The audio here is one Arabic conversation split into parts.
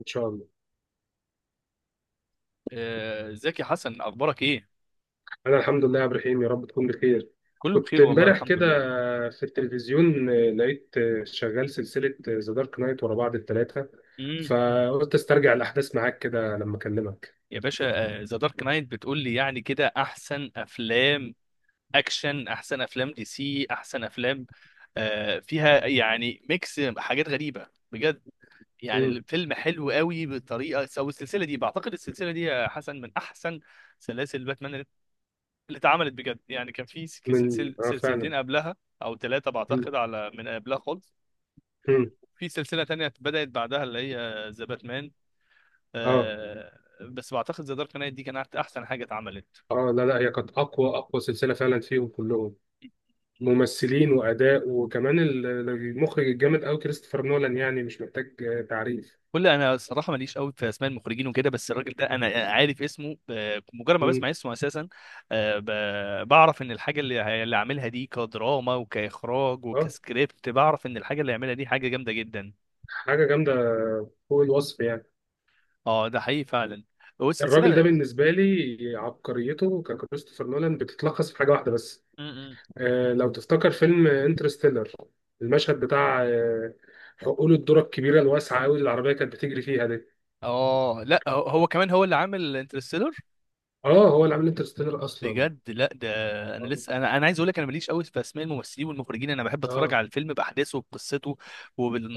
ان شاء الله. ازيك يا حسن، اخبارك ايه؟ انا الحمد لله يا عبد الرحيم، يا رب تكون بخير. كله كنت بخير والله، امبارح الحمد كده لله. في التلفزيون، لقيت شغال سلسلة ذا دارك نايت ورا بعض الثلاثة، امم فقلت استرجع الاحداث معاك كده لما اكلمك. يا باشا. ذا دارك نايت بتقول لي؟ يعني كده احسن افلام اكشن، احسن افلام دي سي، احسن افلام. فيها يعني ميكس حاجات غريبة بجد. يعني مم. الفيلم حلو قوي بطريقة، او السلسلة دي، بعتقد السلسلة دي يا حسن من احسن سلاسل باتمان اللي اتعملت بجد. يعني كان في من اه فعلا. سلسلتين قبلها او 3، مم. بعتقد، على من قبلها خالص. مم. في سلسلة تانية بدأت بعدها، اللي هي ذا باتمان. اه آه، بس بعتقد ذا دارك نايت دي كانت احسن حاجه اتعملت. اه لا لا هي كانت اقوى اقوى سلسلة فعلا فيهم كلهم، ممثلين واداء، وكمان المخرج الجامد قوي كريستوفر نولان، يعني مش محتاج تعريف. انا الصراحه ماليش قوي في اسماء المخرجين وكده، بس الراجل ده انا عارف اسمه، مجرد ما مم. بسمع اسمه اساسا. بعرف ان الحاجه اللي عاملها دي كدراما وكاخراج اه، وكسكريبت، بعرف ان الحاجه اللي عاملها دي حاجه جامده جدا. حاجة جامدة فوق الوصف يعني. اه، ده حقيقي فعلا. والسلسله. الراجل ده بالنسبة لي عبقريته ككريستوفر نولان بتتلخص في حاجة واحدة بس. م- م. لو تفتكر فيلم انترستيلر، المشهد بتاع حقول الذرة الكبيرة الواسعة أوي اللي العربية كانت بتجري فيها دي. اه لا، هو كمان، هو اللي عامل انترستيلر. اه، هو اللي عامل انترستيلر أصلا. بجد لا، ده انا اه. لسه انا عايز اقول لك، انا ماليش قوي في اسماء الممثلين والمخرجين. انا بحب اتفرج آه. على الفيلم باحداثه وبقصته،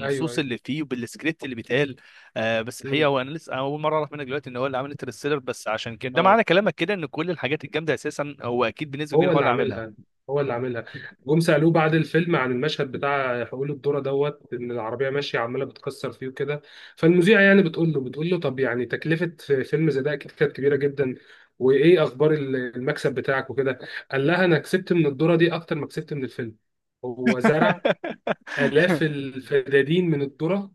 ايوه ايوه. اللي فيه، وبالسكريبت اللي بيتقال. بس الحقيقه، مم. هو انا لسه اول مره اعرف منك دلوقتي ان هو اللي عامل انترستيلر. بس عشان كده، ده اه، معنى كلامك كده، ان كل الحاجات الجامده اساسا هو اكيد بنسبه هو كبيره هو اللي اللي عاملها. عاملها، هو اللي عاملها. جم سألوه بعد الفيلم عن المشهد بتاع حقول الذرة دوت ان العربية ماشية عمالة بتكسر فيه وكده، فالمذيعة يعني بتقول له طب يعني تكلفة فيلم زي ده اكيد كانت كبيرة جدا، وايه اخبار المكسب بتاعك وكده. قال لها انا كسبت من الذرة دي اكتر ما كسبت من الفيلم. هو زرع آلاف الفدادين من الذرة،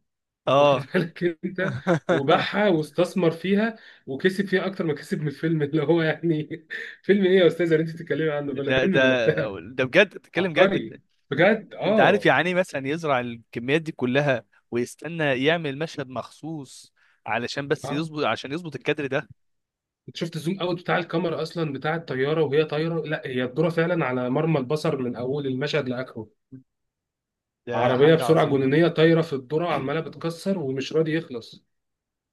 واخد اه. بالك انت، وباعها واستثمر فيها وكسب فيها اكتر ما كسب من الفيلم. اللي هو يعني فيلم ايه يا استاذه اللي انت بتتكلمي عنه، بلا ده ده فيلم بلا بتاع. ده بجد بتتكلم جد؟ عبقري بجد. انت عارف اه يعني ايه مثلا يزرع الكميات دي كلها، ويستنى يعمل مشهد مخصوص علشان بس اه. يظبط عشان يظبط الكادر ده. انت شفت الزوم اوت بتاع الكاميرا اصلا بتاع الطياره وهي طايره؟ لا، هي الذره فعلا على مرمى البصر من اول المشهد لاخره. ده عربيه حاجة بسرعه عظيمة. جنونيه طايره في الذره وعماله بتكسر ومش راضي يخلص.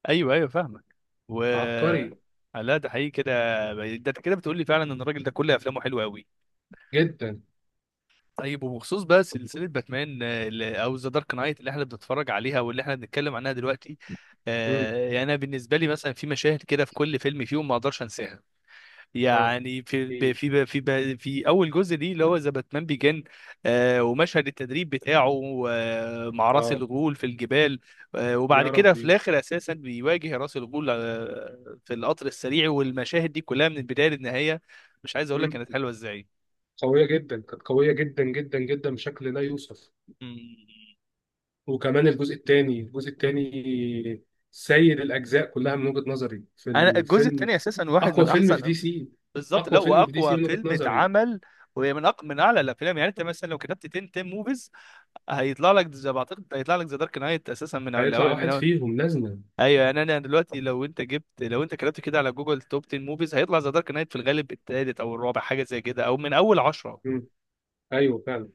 ايوه ايوه، فاهمك. و عبقري لا، ده حقيقي كده. ده انت كده بتقول لي فعلا ان الراجل ده كل افلامه حلوه قوي. جدا. طيب، وبخصوص بقى سلسله باتمان، او ذا دارك نايت اللي احنا بنتفرج عليها واللي احنا بنتكلم عنها دلوقتي. امم. يعني انا بالنسبه لي مثلا في مشاهد كده في كل فيلم فيهم ما اقدرش انساها. اه، يعني في ب- ايه. في ب- في ب- في اول جزء دي اللي هو ذا باتمان بيجن. ومشهد التدريب بتاعه، مع راس اه. الغول في الجبال. وبعد يا كده في ربي. الاخر اساسا بيواجه راس الغول في القطر السريع، والمشاهد دي كلها من البدايه للنهايه، مش عايز اقول لك كانت حلوه ازاي. قوية جدا، كانت قوية جدا جدا جدا بشكل لا يوصف. مم. وكمان الجزء الثاني، الجزء الثاني سيد الأجزاء كلها من وجهة نظري في انا الجزء الفيلم. الثاني اساسا واحد أقوى من فيلم في دي احسن. سي، بالظبط، لا، أقوى فيلم في دي سي واقوى من وجهة فيلم نظري. اتعمل. وهي من اعلى الافلام. يعني انت مثلا لو كتبت 10 10 موفيز، هيطلع لك زي، بعتقد هيطلع لك ذا دارك نايت اساسا هيطلع من واحد أول. فيهم لازما. ايوه يعني، انا دلوقتي لو انت جبت لو انت كتبت كده على جوجل توب 10 موفيز، هيطلع ذا دارك نايت في الغالب التالت او الرابع، حاجه زي كده، او من اول 10. مم. أيوه فعلا.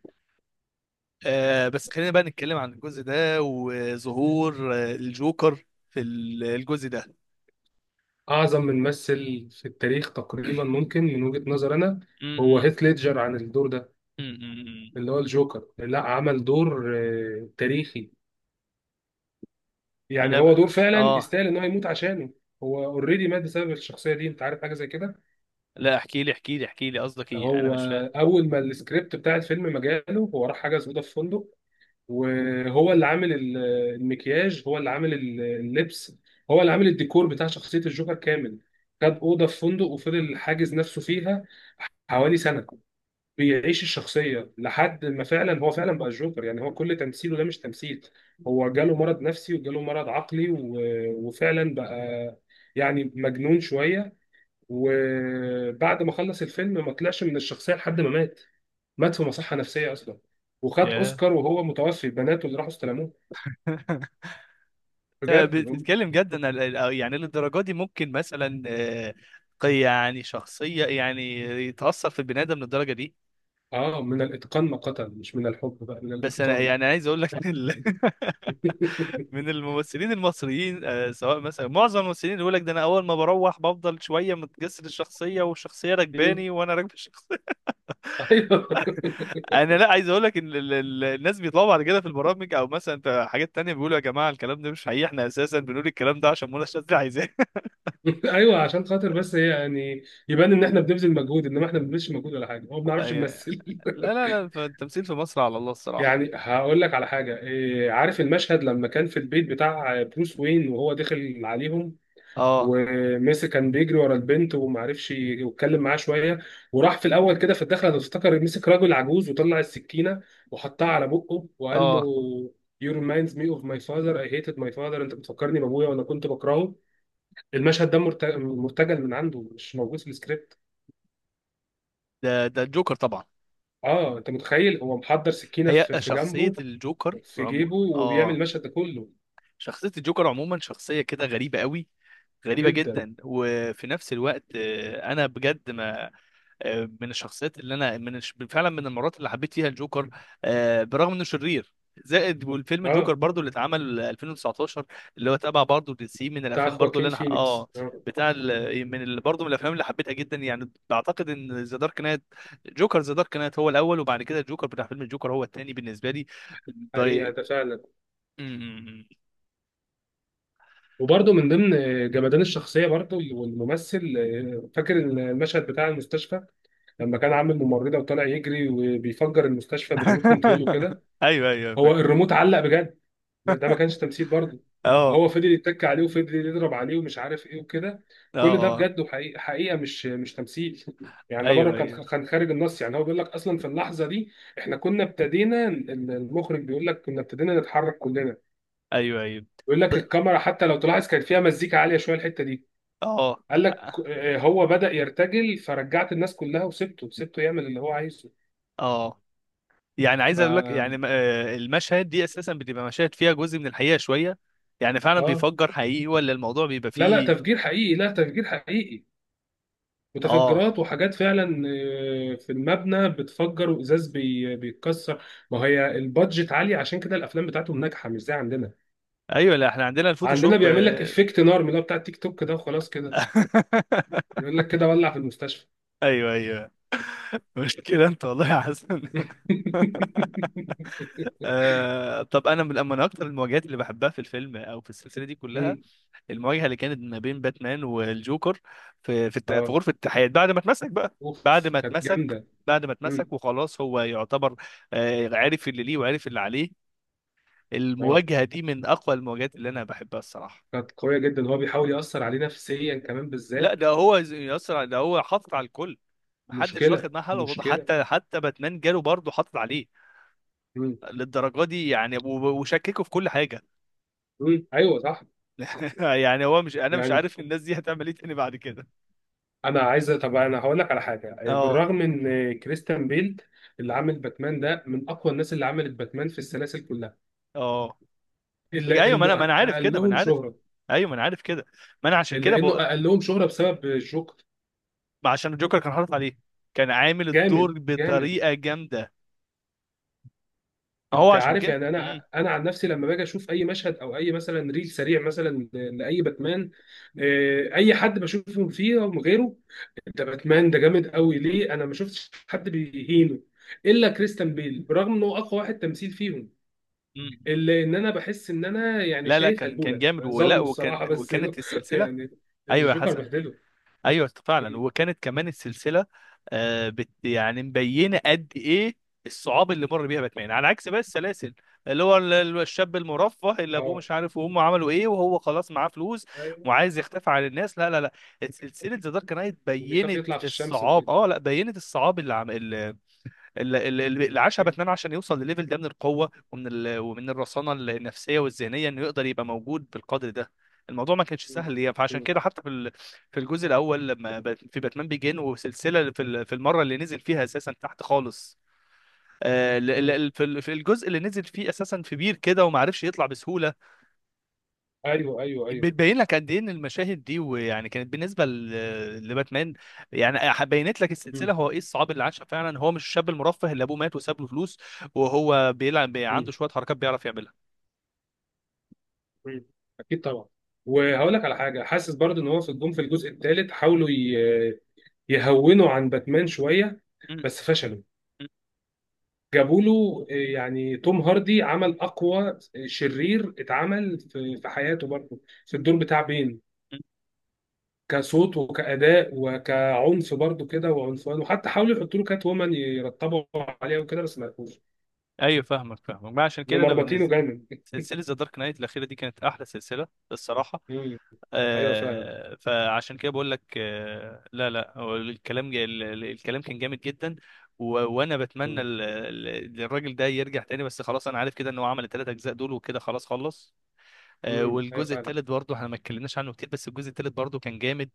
بس خلينا بقى نتكلم عن الجزء ده، وظهور الجوكر الجزء ده. أعظم ممثل في التاريخ تقريبا ممكن من وجهة نظر أنا، م- هو م- هيث ليدجر عن الدور ده، م- م- اللي هو الجوكر. لا، عمل دور تاريخي. يعني انا هو ب... دور فعلا اه يستاهل ان هو يموت عشانه. هو اوريدي مات بسبب الشخصيه دي، انت عارف حاجه زي كده. لا، احكي لي احكي لي احكي لي، قصدك ايه؟ انا هو مش فاهم. اول ما السكريبت بتاع الفيلم ما جاله، هو راح حجز اوضه في فندق، وهو اللي عامل المكياج، هو اللي عامل اللبس، هو اللي عامل الديكور بتاع شخصيه الجوكر كامل. خد اوضه في فندق وفضل حاجز نفسه فيها حوالي سنه، بيعيش الشخصية لحد ما فعلا هو فعلا بقى الجوكر. يعني هو كل تمثيله ده مش تمثيل، هو جاله مرض نفسي وجاله مرض عقلي وفعلا بقى يعني مجنون شوية. وبعد ما خلص الفيلم ما طلعش من الشخصية لحد ما مات، مات في مصحة نفسية أصلا، وخد ياه. أوسكار وهو متوفي، بناته اللي راحوا استلموه. بجد. بتتكلم جدا؟ يعني للدرجه دي ممكن مثلا، يعني شخصيه يعني يتاثر في البني ادم للدرجه دي؟ من الإتقان ما قتل، مش من الحب بقى، من بس انا الإتقان. يعني عايز اقول لك من الممثلين المصريين، سواء مثلا معظم الممثلين يقول لك ده، انا اول ما بروح بفضل شويه متجسد الشخصيه، والشخصيه راكباني وانا راكب الشخصيه. أيوه. انا، لا عايز اقول لك ان الناس بيطلعوا بعد كده في البرامج، او مثلا في حاجات تانية، بيقولوا يا جماعه الكلام ده مش حقيقي، احنا اساسا بنقول الكلام ده عشان منى شاذلي عايزاه. ايوه، عشان خاطر بس هي يعني يبان ان احنا بنبذل مجهود، انما احنا ما بنبذلش مجهود ولا حاجه، هو ما بنعرفش أي- نمثل. لا لا لا، فالتمثيل في مصر على الله الصراحه. يعني هقول لك على حاجه، إيه، عارف المشهد لما كان في البيت بتاع بروس وين وهو داخل عليهم اه. وميسي كان بيجري ورا البنت وما عرفش يتكلم معاه شويه، وراح في الاول كده في الدخله افتكر مسك راجل عجوز وطلع السكينه وحطها على بقه وقال له: اه، "You reminds me of my father I hated my father"، انت بتفكرني بابويا وانا كنت بكرهه. المشهد ده مرتجل من عنده، مش موجود في السكريبت. ده الجوكر طبعا. اه، انت متخيل؟ هو محضر سكينه هي في شخصيه جنبه، الجوكر في عمو. جيبه وبيعمل اه. المشهد ده كله. شخصية الجوكر عموما شخصية كده غريبة قوي، غريبة جدا. جدا. وفي نفس الوقت، انا بجد ما... من الشخصيات اللي انا، فعلا من المرات اللي حبيت فيها الجوكر. برغم انه شرير. زائد والفيلم اه، جوكر برضو اللي اتعمل 2019، اللي هو تبع برضو دي سي. من بتاع الافلام برضو اللي خواكين انا، اه. فينيكس. اه. بتاع ال... من ال... برضو من الافلام اللي حبيتها جدا. يعني بعتقد ان ذا دارك نايت، جوكر ذا دارك نايت هو الاول، وبعد كده الجوكر بتاع فيلم الجوكر هو الثاني بالنسبه لي. حقيقه ده فعلا، ب... وبرده من ضمن جمدان الشخصيه برده والممثل، فاكر المشهد بتاع المستشفى؟ لما كان عامل ممرضه وطالع يجري وبيفجر المستشفى بالريموت كنترول وكده. ايوه ايوه هو فاكره. الريموت علق بجد، ما ده ما كانش تمثيل برضه، اه وهو فضل يتك عليه وفضل يضرب عليه ومش عارف ايه وكده. اه كل ده اه. بجد وحقيقة حقيقة مش تمثيل. يعني ده بره، ايوه كان ايوه كان خارج النص. يعني هو بيقول لك اصلا في اللحظة دي احنا كنا ابتدينا، المخرج بيقول لك كنا ابتدينا نتحرك كلنا، ايوه ايوه. بيقول لك الكاميرا حتى لو تلاحظ كان فيها مزيكا عالية شوية الحتة دي. اه قال لك هو بدأ يرتجل، فرجعت الناس كلها وسبته سبته يعمل اللي هو عايزه. اه. يعني عايز ف اقول لك يعني، المشهد دي اساسا بتبقى مشاهد فيها جزء من الحقيقه شويه. يعني فعلا اه، بيفجر حقيقي، ولا الموضوع بيبقى لا لا، فيه؟ تفجير حقيقي، لا تفجير حقيقي، اه. متفجرات وحاجات فعلا في المبنى بتفجر، وازاز بيتكسر. ما هي البادجت عاليه، عشان كده الافلام بتاعتهم ناجحه مش زي عندنا. ايوه، لا احنا عندنا عندنا الفوتوشوب بيعمل لك آه. افكت نار من اللي هو بتاع التيك توك ده، وخلاص كده، يقول لك كده ولع في المستشفى. ايوه ايوه. مشكله انت والله يا حسن. طب انا من اكتر المواجهات اللي بحبها في الفيلم او في السلسله دي كلها. مم. المواجهه اللي كانت ما بين باتمان والجوكر في اه، غرفه التحقيقات بعد ما اتمسك بقى. بعد اوف. ما كانت اتمسك جامده. بعد ما اتمسك مم. وخلاص، هو يعتبر عارف اللي ليه وعارف اللي عليه. اه، المواجهه دي من اقوى المواجهات اللي انا بحبها الصراحه. كانت قويه جدا. هو بيحاول ياثر عليه نفسيا كمان لا، بالذات. ده هو يسرع، ده هو حاطط على الكل. محدش واخد مشكله معاه حلوه، مشكله. حتى باتمان جاله برضه حاطط عليه مم. للدرجه دي يعني، وشككه في كل حاجه. مم. ايوه صح. يعني هو مش... انا مش يعني عارف الناس دي هتعمل ايه تاني بعد كده. انا عايز، طب انا هقول لك على حاجه، اه، بالرغم ان كريستيان بيل اللي عامل باتمان ده من اقوى الناس اللي عملت باتمان في السلاسل كلها، اه. الا ايوه، ما انا انه ما انا عارف كده، ما انا اقلهم عارف. شهره، ايوه ما انا عارف كده، ما انا عشان كده الا انه بقول. اقلهم شهره بسبب الجوكر. ما عشان الجوكر كان حاطط عليه، كان عامل جامد الدور جامد. بطريقه جامده. هو انت عشان عارف كده. يعني، انا عن نفسي لما باجي اشوف اي مشهد او اي مثلا ريل سريع مثلا لاي باتمان، اي حد بشوفهم فيه غيره، ده باتمان ده جامد قوي ليه، انا ما شفتش حد بيهينه الا كريستيان بيل، برغم انه اقوى واحد تمثيل فيهم، امم اللي ان انا بحس ان انا يعني لا لا، شايف كان هلبوله جامد ولا، ظلمه الصراحه بس. وكانت السلسله. يعني ايوه يا الجوكر حسن، بهدله. ايوه فعلا. مم. وكانت كمان السلسله آه بت يعني مبينه قد ايه الصعاب اللي مر بيها باتمان، على عكس بقى السلاسل. اللي هو الشاب المرفه اللي ابوه اه. مش عارف وامه عملوا ايه، وهو خلاص معاه فلوس، ايوه. وعايز آه. يختفي عن الناس. لا، لا، لا. سلسله ذا دارك نايت وبيخاف بينت يطلع في الشمس الصعاب وكده. اه لا بينت الصعاب اللي عم... ال- ال- ال- اللي عاشها مم. باتمان، عشان يوصل لليفل ده من القوه، ومن الرصانه النفسيه والذهنيه، انه يقدر يبقى موجود بالقدر ده. الموضوع ما كانش مم. سهل ليه، فعشان مم. كده حتى في الجزء الاول، لما باتمان بيجين، وسلسله، في المره اللي نزل فيها اساسا تحت خالص. مم. في الجزء اللي نزل فيه اساسا في بير كده، وما عرفش يطلع بسهوله. ايوه ايوه ايوه. بتبين لك قد ايه ان المشاهد دي، ويعني كانت بالنسبه لباتمان. يعني بينت لك مم. السلسله هو ايه الصعاب اللي عاشها فعلا، هو مش الشاب المرفه اللي ابوه مات وساب له فلوس، وهو بيلعب مم. عنده شويه حركات بيعرف يعملها. مم. اكيد طبعا. وهقول لك على حاجه، حاسس برضه ان هو في الجون في الجزء الثالث حاولوا يهونوا عن باتمان شويه، م- بس فشلوا. م- جابوا له يعني توم هاردي عمل اقوى شرير اتعمل في حياته برضه، في م- الدور بتاع بين، م. كصوت وكأداء وكعنف برضو كده وعنفوان، وحتى حاولوا يحطوا له كات وومن يرتبوا عليها وكده بس ما لقوش ايوه فاهمك، فاهمك، ما عشان إنه كده انا مربطينه بالنسبه. جامد. سلسلة ذا دارك نايت الأخيرة دي كانت أحلى سلسلة الصراحة. مم. ايوه فعلا. فعشان كده بقول لك، لا لا، هو الكلام جا الكلام كان جامد جدا. و وانا بتمنى الراجل ده يرجع تاني، بس خلاص، انا عارف كده ان هو عمل الثلاث اجزاء دول وكده، خلاص خلص. امم. ايوه والجزء فعلا. الثالث برضه احنا ما اتكلمناش عنه كتير، بس الجزء الثالث برضه كان جامد.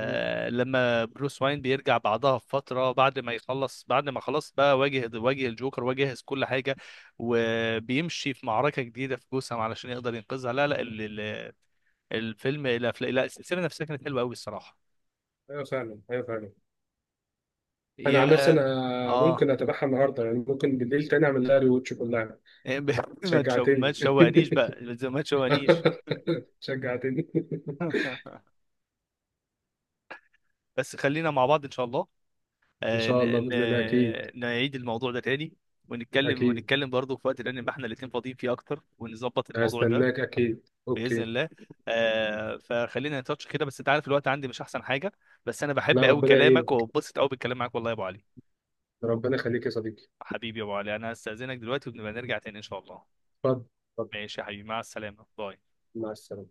مم. لما بروس واين بيرجع بعدها بفترة، بعد ما خلاص بقى، واجه الجوكر وجهز كل حاجة، وبيمشي في معركة جديدة في جوثام علشان يقدر ينقذها. لا لا، الفيلم، لا لا لا، السلسلة نفسها كانت حلوة قوي الصراحة. ايوه فعلا. ايوه فعلا. انا يا. عن نفسي انا اه. ممكن اتابعها النهارده، يعني ممكن بالليل تاني اعمل لها ريوتش كلها. ما شجعتني. تشوقنيش بقى، ما تشوقنيش. شجعتني. بس خلينا مع بعض ان شاء الله. ان شاء الله، باذن الله، اكيد. نعيد الموضوع ده تاني، ونتكلم اكيد ونتكلم برضه في وقت تاني نبقى احنا الاتنين فاضيين فيه اكتر، ونظبط الموضوع ده. هستناك، اكيد. باذن اوكي. الله. فخلينا نتاتش كده، بس انت عارف الوقت عندي مش احسن حاجه. بس انا بحب لا، قوي ربنا كلامك يعينك. وببسط قوي بالكلام معاك والله يا ابو علي. ربنا يخليك يا صديقي. حبيبي يا ابو علي، انا هستاذنك دلوقتي ونبقى نرجع تاني ان شاء الله. اتفضل اتفضل. ماشي يا حبيبي، مع السلامه، باي. مع السلامة.